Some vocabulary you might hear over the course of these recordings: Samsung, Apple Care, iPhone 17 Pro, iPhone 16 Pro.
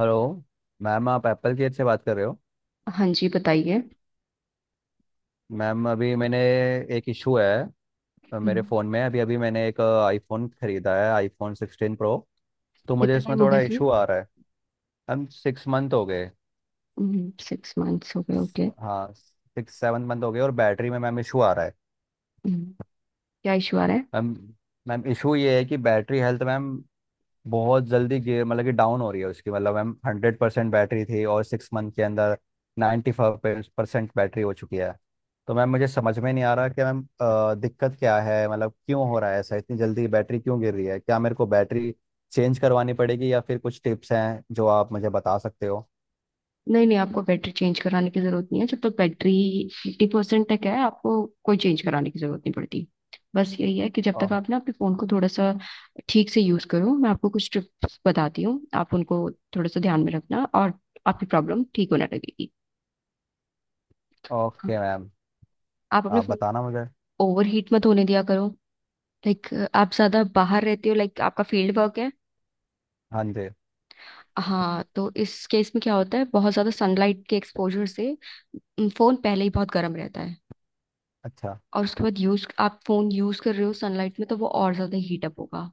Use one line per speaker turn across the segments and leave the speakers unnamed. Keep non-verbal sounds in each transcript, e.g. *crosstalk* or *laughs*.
Hello. Ma'am, आप Apple Care से बात कर रहे हो।
हाँ जी बताइए।
मैम अभी मैंने एक इशू है। मेरे
हम्म,
फ़ोन में, अभी अभी मैंने एक आईफोन खरीदा है, आईफोन 16 प्रो। तो मुझे
कितना
इसमें
टाइम हो गया
थोड़ा
सुई।
इशू आ रहा है। मैम 6 मंथ हो गए।
सिक्स मंथ्स हो गए, ओके।
हाँ, 6-7 मंथ हो गए, और बैटरी में मैम इशू आ रहा है।
क्या इशू आ रहा है?
मैम, इशू ये है कि बैटरी हेल्थ, मैम, बहुत जल्दी गिर मतलब कि डाउन हो रही है उसकी। मतलब मैम 100% बैटरी थी, और 6 मंथ के अंदर 95% बैटरी हो चुकी है। तो मैम मुझे समझ में नहीं आ रहा कि मैम दिक्कत क्या है, मतलब क्यों हो रहा है ऐसा, इतनी जल्दी बैटरी क्यों गिर रही है। क्या मेरे को बैटरी चेंज करवानी पड़ेगी, या फिर कुछ टिप्स हैं जो आप मुझे बता सकते हो?
नहीं नहीं, आपको बैटरी चेंज कराने की जरूरत नहीं है जब तक बैटरी 50% परसेंट तक है। आपको कोई चेंज कराने की जरूरत नहीं पड़ती। बस यही है कि जब
ओ,
तक आप ना अपने फोन को थोड़ा सा ठीक से यूज करो। मैं आपको कुछ टिप्स बताती हूँ, आप उनको थोड़ा सा ध्यान में रखना, और आपकी प्रॉब्लम ठीक होने लगेगी।
ओके मैम,
आप अपने
आप
फोन को
बताना मुझे।
ओवर हीट मत होने दिया करो। लाइक, आप ज्यादा बाहर रहते हो, लाइक आपका फील्ड वर्क है?
हाँ जी।
हाँ, तो इस केस में क्या होता है, बहुत ज्यादा सनलाइट के एक्सपोजर से फोन पहले ही बहुत गर्म रहता है।
अच्छा।
और उसके बाद यूज, आप फोन यूज कर रहे हो सनलाइट में, तो वो और ज्यादा हीट अप होगा।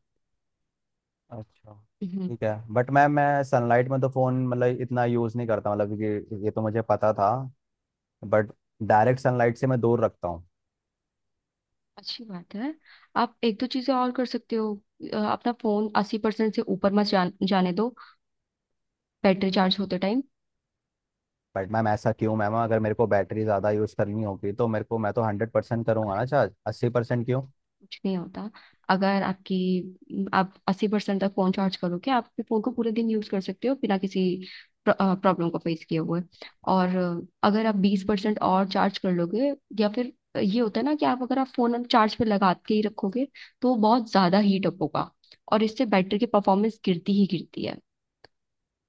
अच्छा। ठीक है,
तो
बट मैम मैं सनलाइट में तो फ़ोन मतलब इतना यूज़ नहीं करता, मतलब कि ये तो मुझे पता था। बट डायरेक्ट सनलाइट से मैं दूर रखता हूँ।
अच्छी बात है। आप एक दो चीजें और कर सकते हो। अपना फोन 80% से ऊपर मत जाने दो बैटरी चार्ज होते टाइम।
बट मैम ऐसा क्यों? मैम अगर मेरे को बैटरी ज़्यादा यूज़ करनी होगी तो मेरे को, मैं तो 100% करूँगा ना चार्ज, 80% क्यों?
कुछ नहीं होता, अगर आपकी आप अस्सी परसेंट तक फोन चार्ज करोगे आप अपने फोन को पूरे दिन यूज कर सकते हो बिना किसी प्रॉब्लम को फेस किए हुए। और अगर आप 20% और चार्ज कर लोगे, या फिर ये होता है ना कि आप, अगर आप फोन चार्ज पे लगा के ही रखोगे तो वो बहुत ज्यादा हीट अप होगा। और इससे बैटरी की परफॉर्मेंस गिरती ही गिरती है।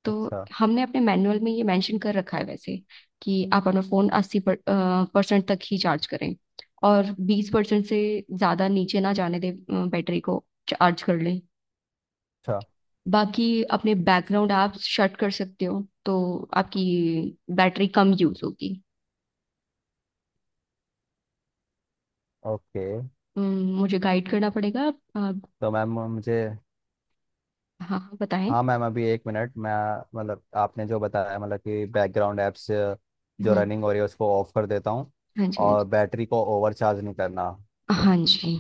तो
अच्छा।
हमने अपने मैनुअल में ये मेंशन कर रखा है वैसे, कि आप अपना फोन अस्सी परसेंट तक ही चार्ज करें और बीस परसेंट से ज्यादा नीचे ना जाने दें। बैटरी को चार्ज कर लें।
अच्छा।
बाकी अपने बैकग्राउंड आप शट कर सकते हो तो आपकी बैटरी कम यूज होगी।
ओके,
मुझे गाइड करना पड़ेगा
तो मैम मुझे,
हाँ हाँ, बताएं।
हाँ मैम अभी एक मिनट मैं, मतलब आपने जो बताया, मतलब कि बैकग्राउंड ऐप्स जो
हम्म।
रनिंग हो रही है उसको ऑफ कर देता हूँ,
हाँ जी, हाँ
और
जी।
बैटरी को ओवर चार्ज नहीं करना।
हाँ जी।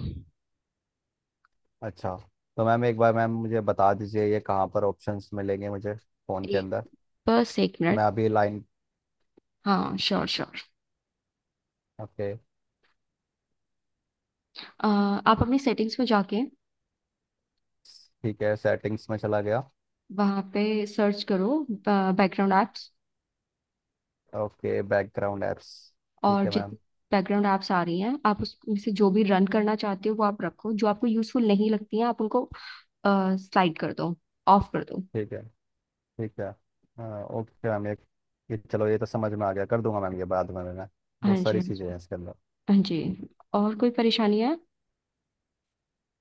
अच्छा, तो मैम एक बार मैम मुझे बता दीजिए, ये कहाँ पर ऑप्शंस मिलेंगे मुझे फ़ोन के
एक,
अंदर?
बस एक मिनट।
मैं अभी लाइन।
हाँ, श्योर श्योर।
ओके।
आप अपनी सेटिंग्स में जाके
ठीक है, सेटिंग्स में चला गया।
वहाँ पे सर्च करो background apps.
Okay, background apps. ठीक
और
है
जितनी
मैम।
बैकग्राउंड एप्स आ रही हैं आप उसमें से जो भी रन करना चाहते हो वो आप रखो, जो आपको यूजफुल नहीं लगती हैं आप उनको स्लाइड कर दो, ऑफ कर दो।
ठीक है। ठीक है। हाँ ओके मैम, ये चलो, ये तो समझ में आ गया, कर दूंगा मैम ये बाद में मैं।
हाँ
बहुत
जी,
सारी
हाँ
चीज़ें
जी।
हैं इसके अंदर।
हाँ जी। और कोई परेशानी है?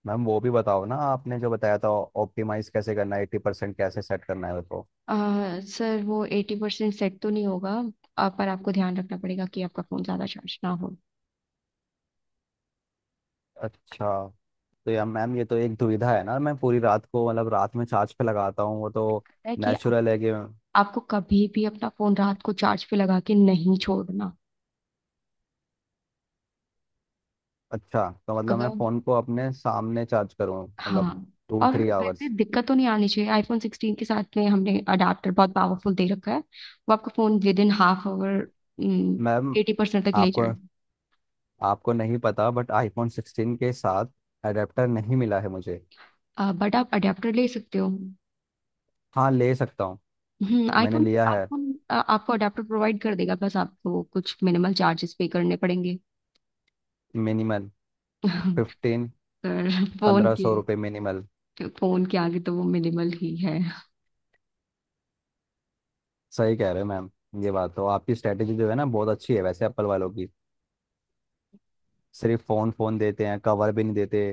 मैम वो भी बताओ ना, आपने जो बताया था ऑप्टिमाइज कैसे करना है, 80% कैसे सेट करना है, वो तो।
अ, सर वो 80% सेट तो नहीं होगा। पर आपको ध्यान रखना पड़ेगा कि आपका फ़ोन ज़्यादा चार्ज ना हो।
अच्छा। तो यार मैम, ये तो एक दुविधा है ना, मैं पूरी रात को, मतलब रात में चार्ज पे लगाता हूँ, वो
तो
तो
दिक्कत है कि
नेचुरल है कि।
आपको कभी भी अपना फ़ोन रात को चार्ज पे लगा के नहीं छोड़ना।
अच्छा, तो मतलब मैं
अगर,
फ़ोन को अपने सामने चार्ज करूँ, मतलब
हाँ।
टू
और
थ्री
वैसे
आवर्स
दिक्कत तो नहीं आनी चाहिए आईफोन 16 के साथ में। हमने अडाप्टर बहुत पावरफुल दे रखा है, वो आपका phone within half hour
ma'am
80% तक ले
आपको,
जाए।
आपको नहीं पता बट आईफोन 16 के साथ अडेप्टर नहीं मिला है मुझे।
बट आप अडाप्टर ले सकते हो।
हाँ ले सकता हूँ।
हम्म।
मैंने
आईफोन
लिया है।
आईफोन आपको अडाप्टर प्रोवाइड कर देगा, बस आपको कुछ मिनिमल चार्जेस पे करने पड़ेंगे।
मिनिमल?
*laughs*
15?
पर फोन
पंद्रह
के
सौ रुपये मिनिमल?
फोन के आगे तो वो मिनिमल ही है।
सही कह रहे हो मैम। ये बात तो, आपकी स्ट्रेटेजी जो है ना बहुत अच्छी है वैसे एप्पल वालों की। सिर्फ फ़ोन, फ़ोन देते हैं, कवर भी नहीं देते,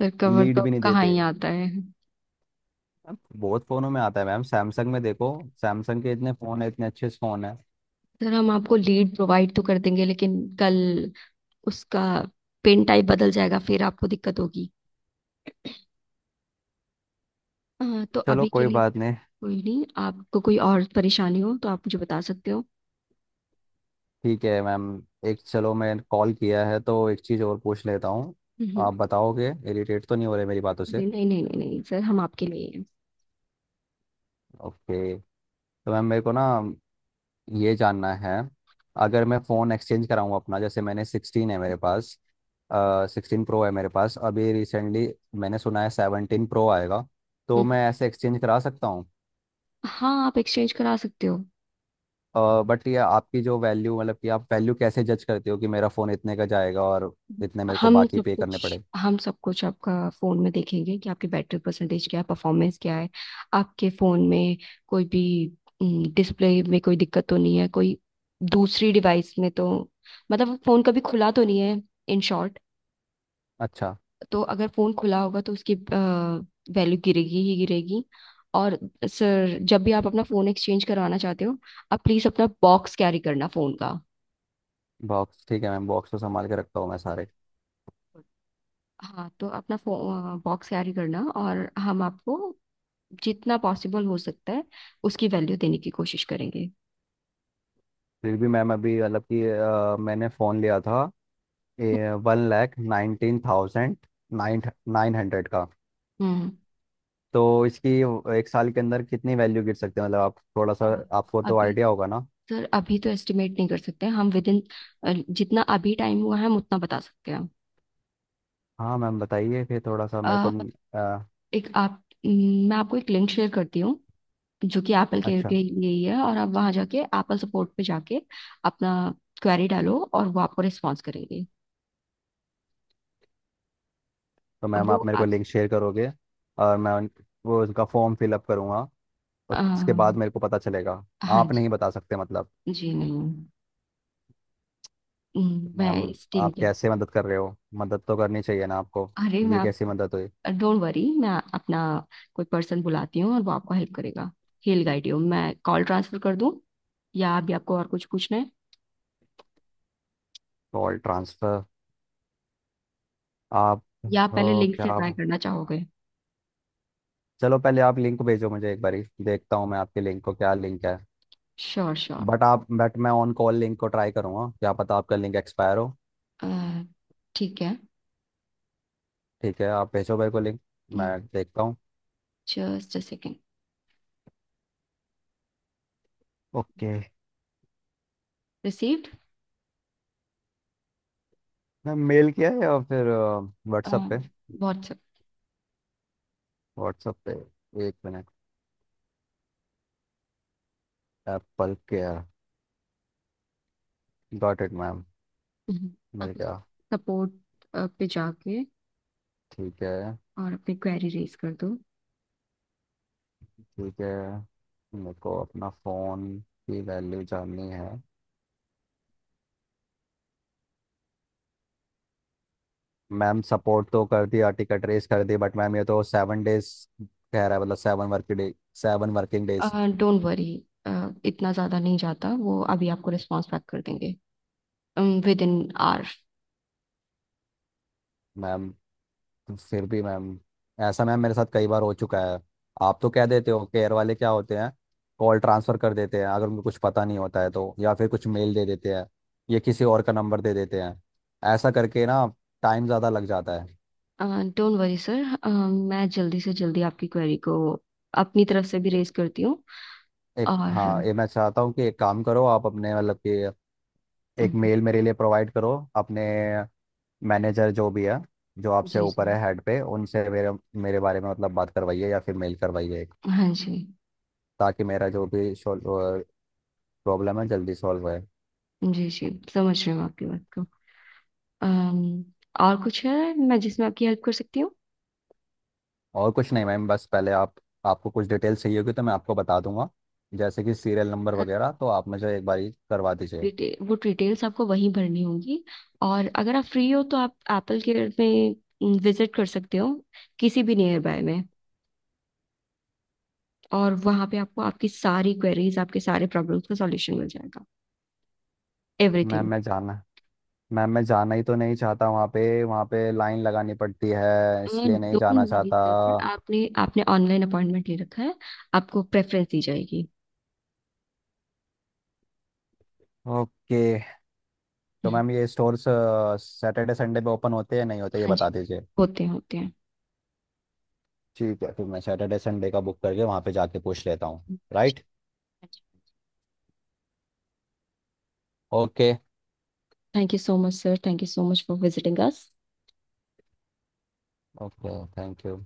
सर कवर तो
लीड भी
अब
नहीं
कहाँ
देते।
ही आता है।
अब बहुत फ़ोनों में आता है मैम, सैमसंग में देखो, सैमसंग के इतने फ़ोन है, इतने अच्छे फ़ोन है।
सर हम आपको लीड प्रोवाइड तो कर देंगे, लेकिन कल उसका पेन टाइप बदल जाएगा, फिर आपको दिक्कत होगी। हाँ, तो
चलो
अभी के
कोई
लिए
बात नहीं।
कोई नहीं। आपको कोई और परेशानी हो तो आप मुझे बता सकते हो।
ठीक है मैम। एक, चलो मैं कॉल किया है तो एक चीज़ और पूछ लेता हूँ।
हम्म,
आप बताओगे, इरिटेट तो नहीं हो रहे मेरी बातों से?
अरे नहीं नहीं नहीं नहीं सर, हम आपके लिए ही हैं।
ओके। तो मैम मेरे को ना ये जानना है, अगर मैं फ़ोन एक्सचेंज कराऊँ अपना, जैसे मैंने 16 है मेरे पास, 16 प्रो है मेरे पास अभी, रिसेंटली मैंने सुना है 17 प्रो आएगा, तो
हम्म,
मैं ऐसे एक्सचेंज करा सकता हूँ?
हाँ, आप एक्सचेंज करा सकते हो।
बट ये, आपकी जो वैल्यू, मतलब कि आप वैल्यू कैसे जज करते हो कि मेरा फ़ोन इतने का जाएगा और इतने मेरे को
हम
बाकी
सब
पे
कुछ
करने पड़े?
हम सब कुछ आपका फोन में देखेंगे कि आपकी बैटरी परसेंटेज क्या है, परफॉर्मेंस क्या है। आपके फोन में कोई भी डिस्प्ले में कोई दिक्कत तो नहीं है, कोई दूसरी डिवाइस में तो, मतलब फोन कभी खुला तो नहीं है, इन शॉर्ट।
अच्छा।
तो अगर फोन खुला होगा तो उसकी वैल्यू गिरेगी ही गिरेगी। और सर जब भी आप अपना फोन एक्सचेंज करवाना चाहते हो, आप प्लीज अपना बॉक्स कैरी करना फोन का।
बॉक्स, ठीक है मैम, बॉक्स तो संभाल के रखता हूँ मैं सारे।
हाँ, तो अपना बॉक्स कैरी करना, और हम आपको जितना पॉसिबल हो सकता है उसकी वैल्यू देने की कोशिश करेंगे।
फिर भी मैम, अभी मतलब कि मैंने फ़ोन लिया था one lakh nineteen thousand nine nine hundred का।
हम्म।
तो इसकी एक साल के अंदर कितनी वैल्यू गिर सकती है, मतलब आप थोड़ा
अ,
सा, आपको तो
अभी
आइडिया होगा ना।
सर अभी तो एस्टिमेट नहीं कर सकते हैं हम विद इन। जितना अभी टाइम हुआ है हम उतना बता सकते हैं।
हाँ मैम बताइए, फिर थोड़ा सा मेरे को।
अ,
अ,
एक आप मैं आपको एक लिंक शेयर करती हूँ। जो कि एप्पल केयर के
अच्छा,
लिए ही है, और आप वहां जाके एप्पल सपोर्ट पे जाके अपना क्वेरी डालो, और वो आपको रिस्पॉन्स करेंगे।
तो मैम
वो
आप मेरे को
आप,
लिंक शेयर करोगे, और वो उसका फॉर्म फिलअप करूँगा,
आ,
उसके बाद मेरे को पता चलेगा।
हाँ
आप
जी।
नहीं बता सकते मतलब?
जी नहीं। मैं
मैम
इस टीम
आप
के,
कैसे मदद कर रहे हो, मदद तो करनी चाहिए ना आपको,
अरे मैं
ये
आप,
कैसी मदद हुई?
डोंट वरी, मैं अपना कोई पर्सन बुलाती हूँ और वो आपको हेल्प करेगा, हेल गाइड यू। मैं कॉल ट्रांसफर कर दूँ, या अभी आपको और कुछ पूछना है,
कॉल ट्रांसफर? आप,
या आप पहले
तो
लिंक
क्या
से ट्राई
आप,
करना चाहोगे?
चलो पहले आप लिंक भेजो मुझे, एक बारी देखता हूँ मैं आपके लिंक को, क्या लिंक है।
श्योर श्योर,
बट मैं ऑन कॉल लिंक को ट्राई करूँगा, क्या पता आपका लिंक एक्सपायर हो।
ठीक है।
ठीक है, आप भेजो मेरे को लिंक, मैं देखता हूँ।
Just a second.
Okay.
Received.
Ma'am mail किया है या फिर व्हाट्सअप पे?
व्हाट्सएप।
व्हाट्सअप पे। एक मिनट। Apple Care. Got it ma'am, मिल
आप
गया।
सपोर्ट पे जाके
ठीक है।
और अपनी क्वेरी रेज कर दो।
ठीक है, मेरे को अपना फोन की वैल्यू जाननी है। मैम सपोर्ट तो कर दिया, टिकट रेस कर दी, बट मैम ये तो 7 डेज कह रहा है, मतलब 7 working day, 7 working days.
Don't worry, इतना ज़्यादा नहीं जाता, वो अभी आपको रिस्पॉन्स बैक कर देंगे विद इन
मैम फिर भी मैम ऐसा मैम मेरे साथ कई बार हो चुका है। आप तो कह देते हो, केयर वाले क्या होते हैं, कॉल ट्रांसफर कर देते हैं, अगर उनको कुछ पता नहीं होता है तो, या फिर कुछ मेल दे देते हैं, या किसी और का नंबर दे देते हैं। ऐसा करके ना टाइम ज़्यादा लग जाता है।
आवर। डोंट वरी सर, मैं जल्दी से जल्दी आपकी क्वेरी को अपनी तरफ से भी रेज करती हूँ।
एक,
और
हाँ ये मैं चाहता हूँ कि एक काम करो आप, अपने मतलब कि
अम,
एक मेल मेरे लिए प्रोवाइड करो अपने मैनेजर जो भी है, जो आपसे
जी
ऊपर
जी।
है हेड पे, उनसे मेरे मेरे बारे में मतलब बात करवाइए या फिर मेल करवाइए एक,
हाँ जी।
ताकि मेरा जो भी प्रॉब्लम है जल्दी सॉल्व हो।
जी जी, समझ रही हूँ आपकी बात को। अम, और कुछ है मैं जिसमें आपकी हेल्प कर सकती हूँ?
और कुछ नहीं मैम, बस पहले आप, आपको कुछ डिटेल चाहिए होगी तो मैं आपको बता दूंगा, जैसे कि सीरियल नंबर वगैरह, तो आप मुझे एक बारी करवा दीजिए।
वो डिटेल्स आपको वहीं भरनी होगी। और अगर आप फ्री हो तो आप एप्पल केयर में विजिट कर सकते हो किसी भी नियर बाय में। और वहाँ पे आपको आपकी सारी क्वेरीज, आपके सारे प्रॉब्लम्स का सॉल्यूशन मिल जाएगा,
मैम
एवरीथिंग।
मैं जाना मैम मैं जाना ही तो नहीं चाहता, वहाँ पे, वहाँ पे लाइन लगानी पड़ती है, इसलिए नहीं जाना
डोंट वरी
चाहता।
सर, आपने आपने ऑनलाइन अपॉइंटमेंट ले रखा है, आपको प्रेफरेंस दी जाएगी।
ओके, तो
हम्म,
मैम ये स्टोर्स सैटरडे संडे पे ओपन होते हैं नहीं होते, ये
हाँ
बता
जी।
दीजिए।
होते हैं, होते हैं।
ठीक है, फिर मैं सैटरडे संडे का बुक करके वहाँ पे जाके पूछ लेता हूँ। Right. Okay.
Thank you so much sir, thank you so much for visiting us.
Okay, thank you.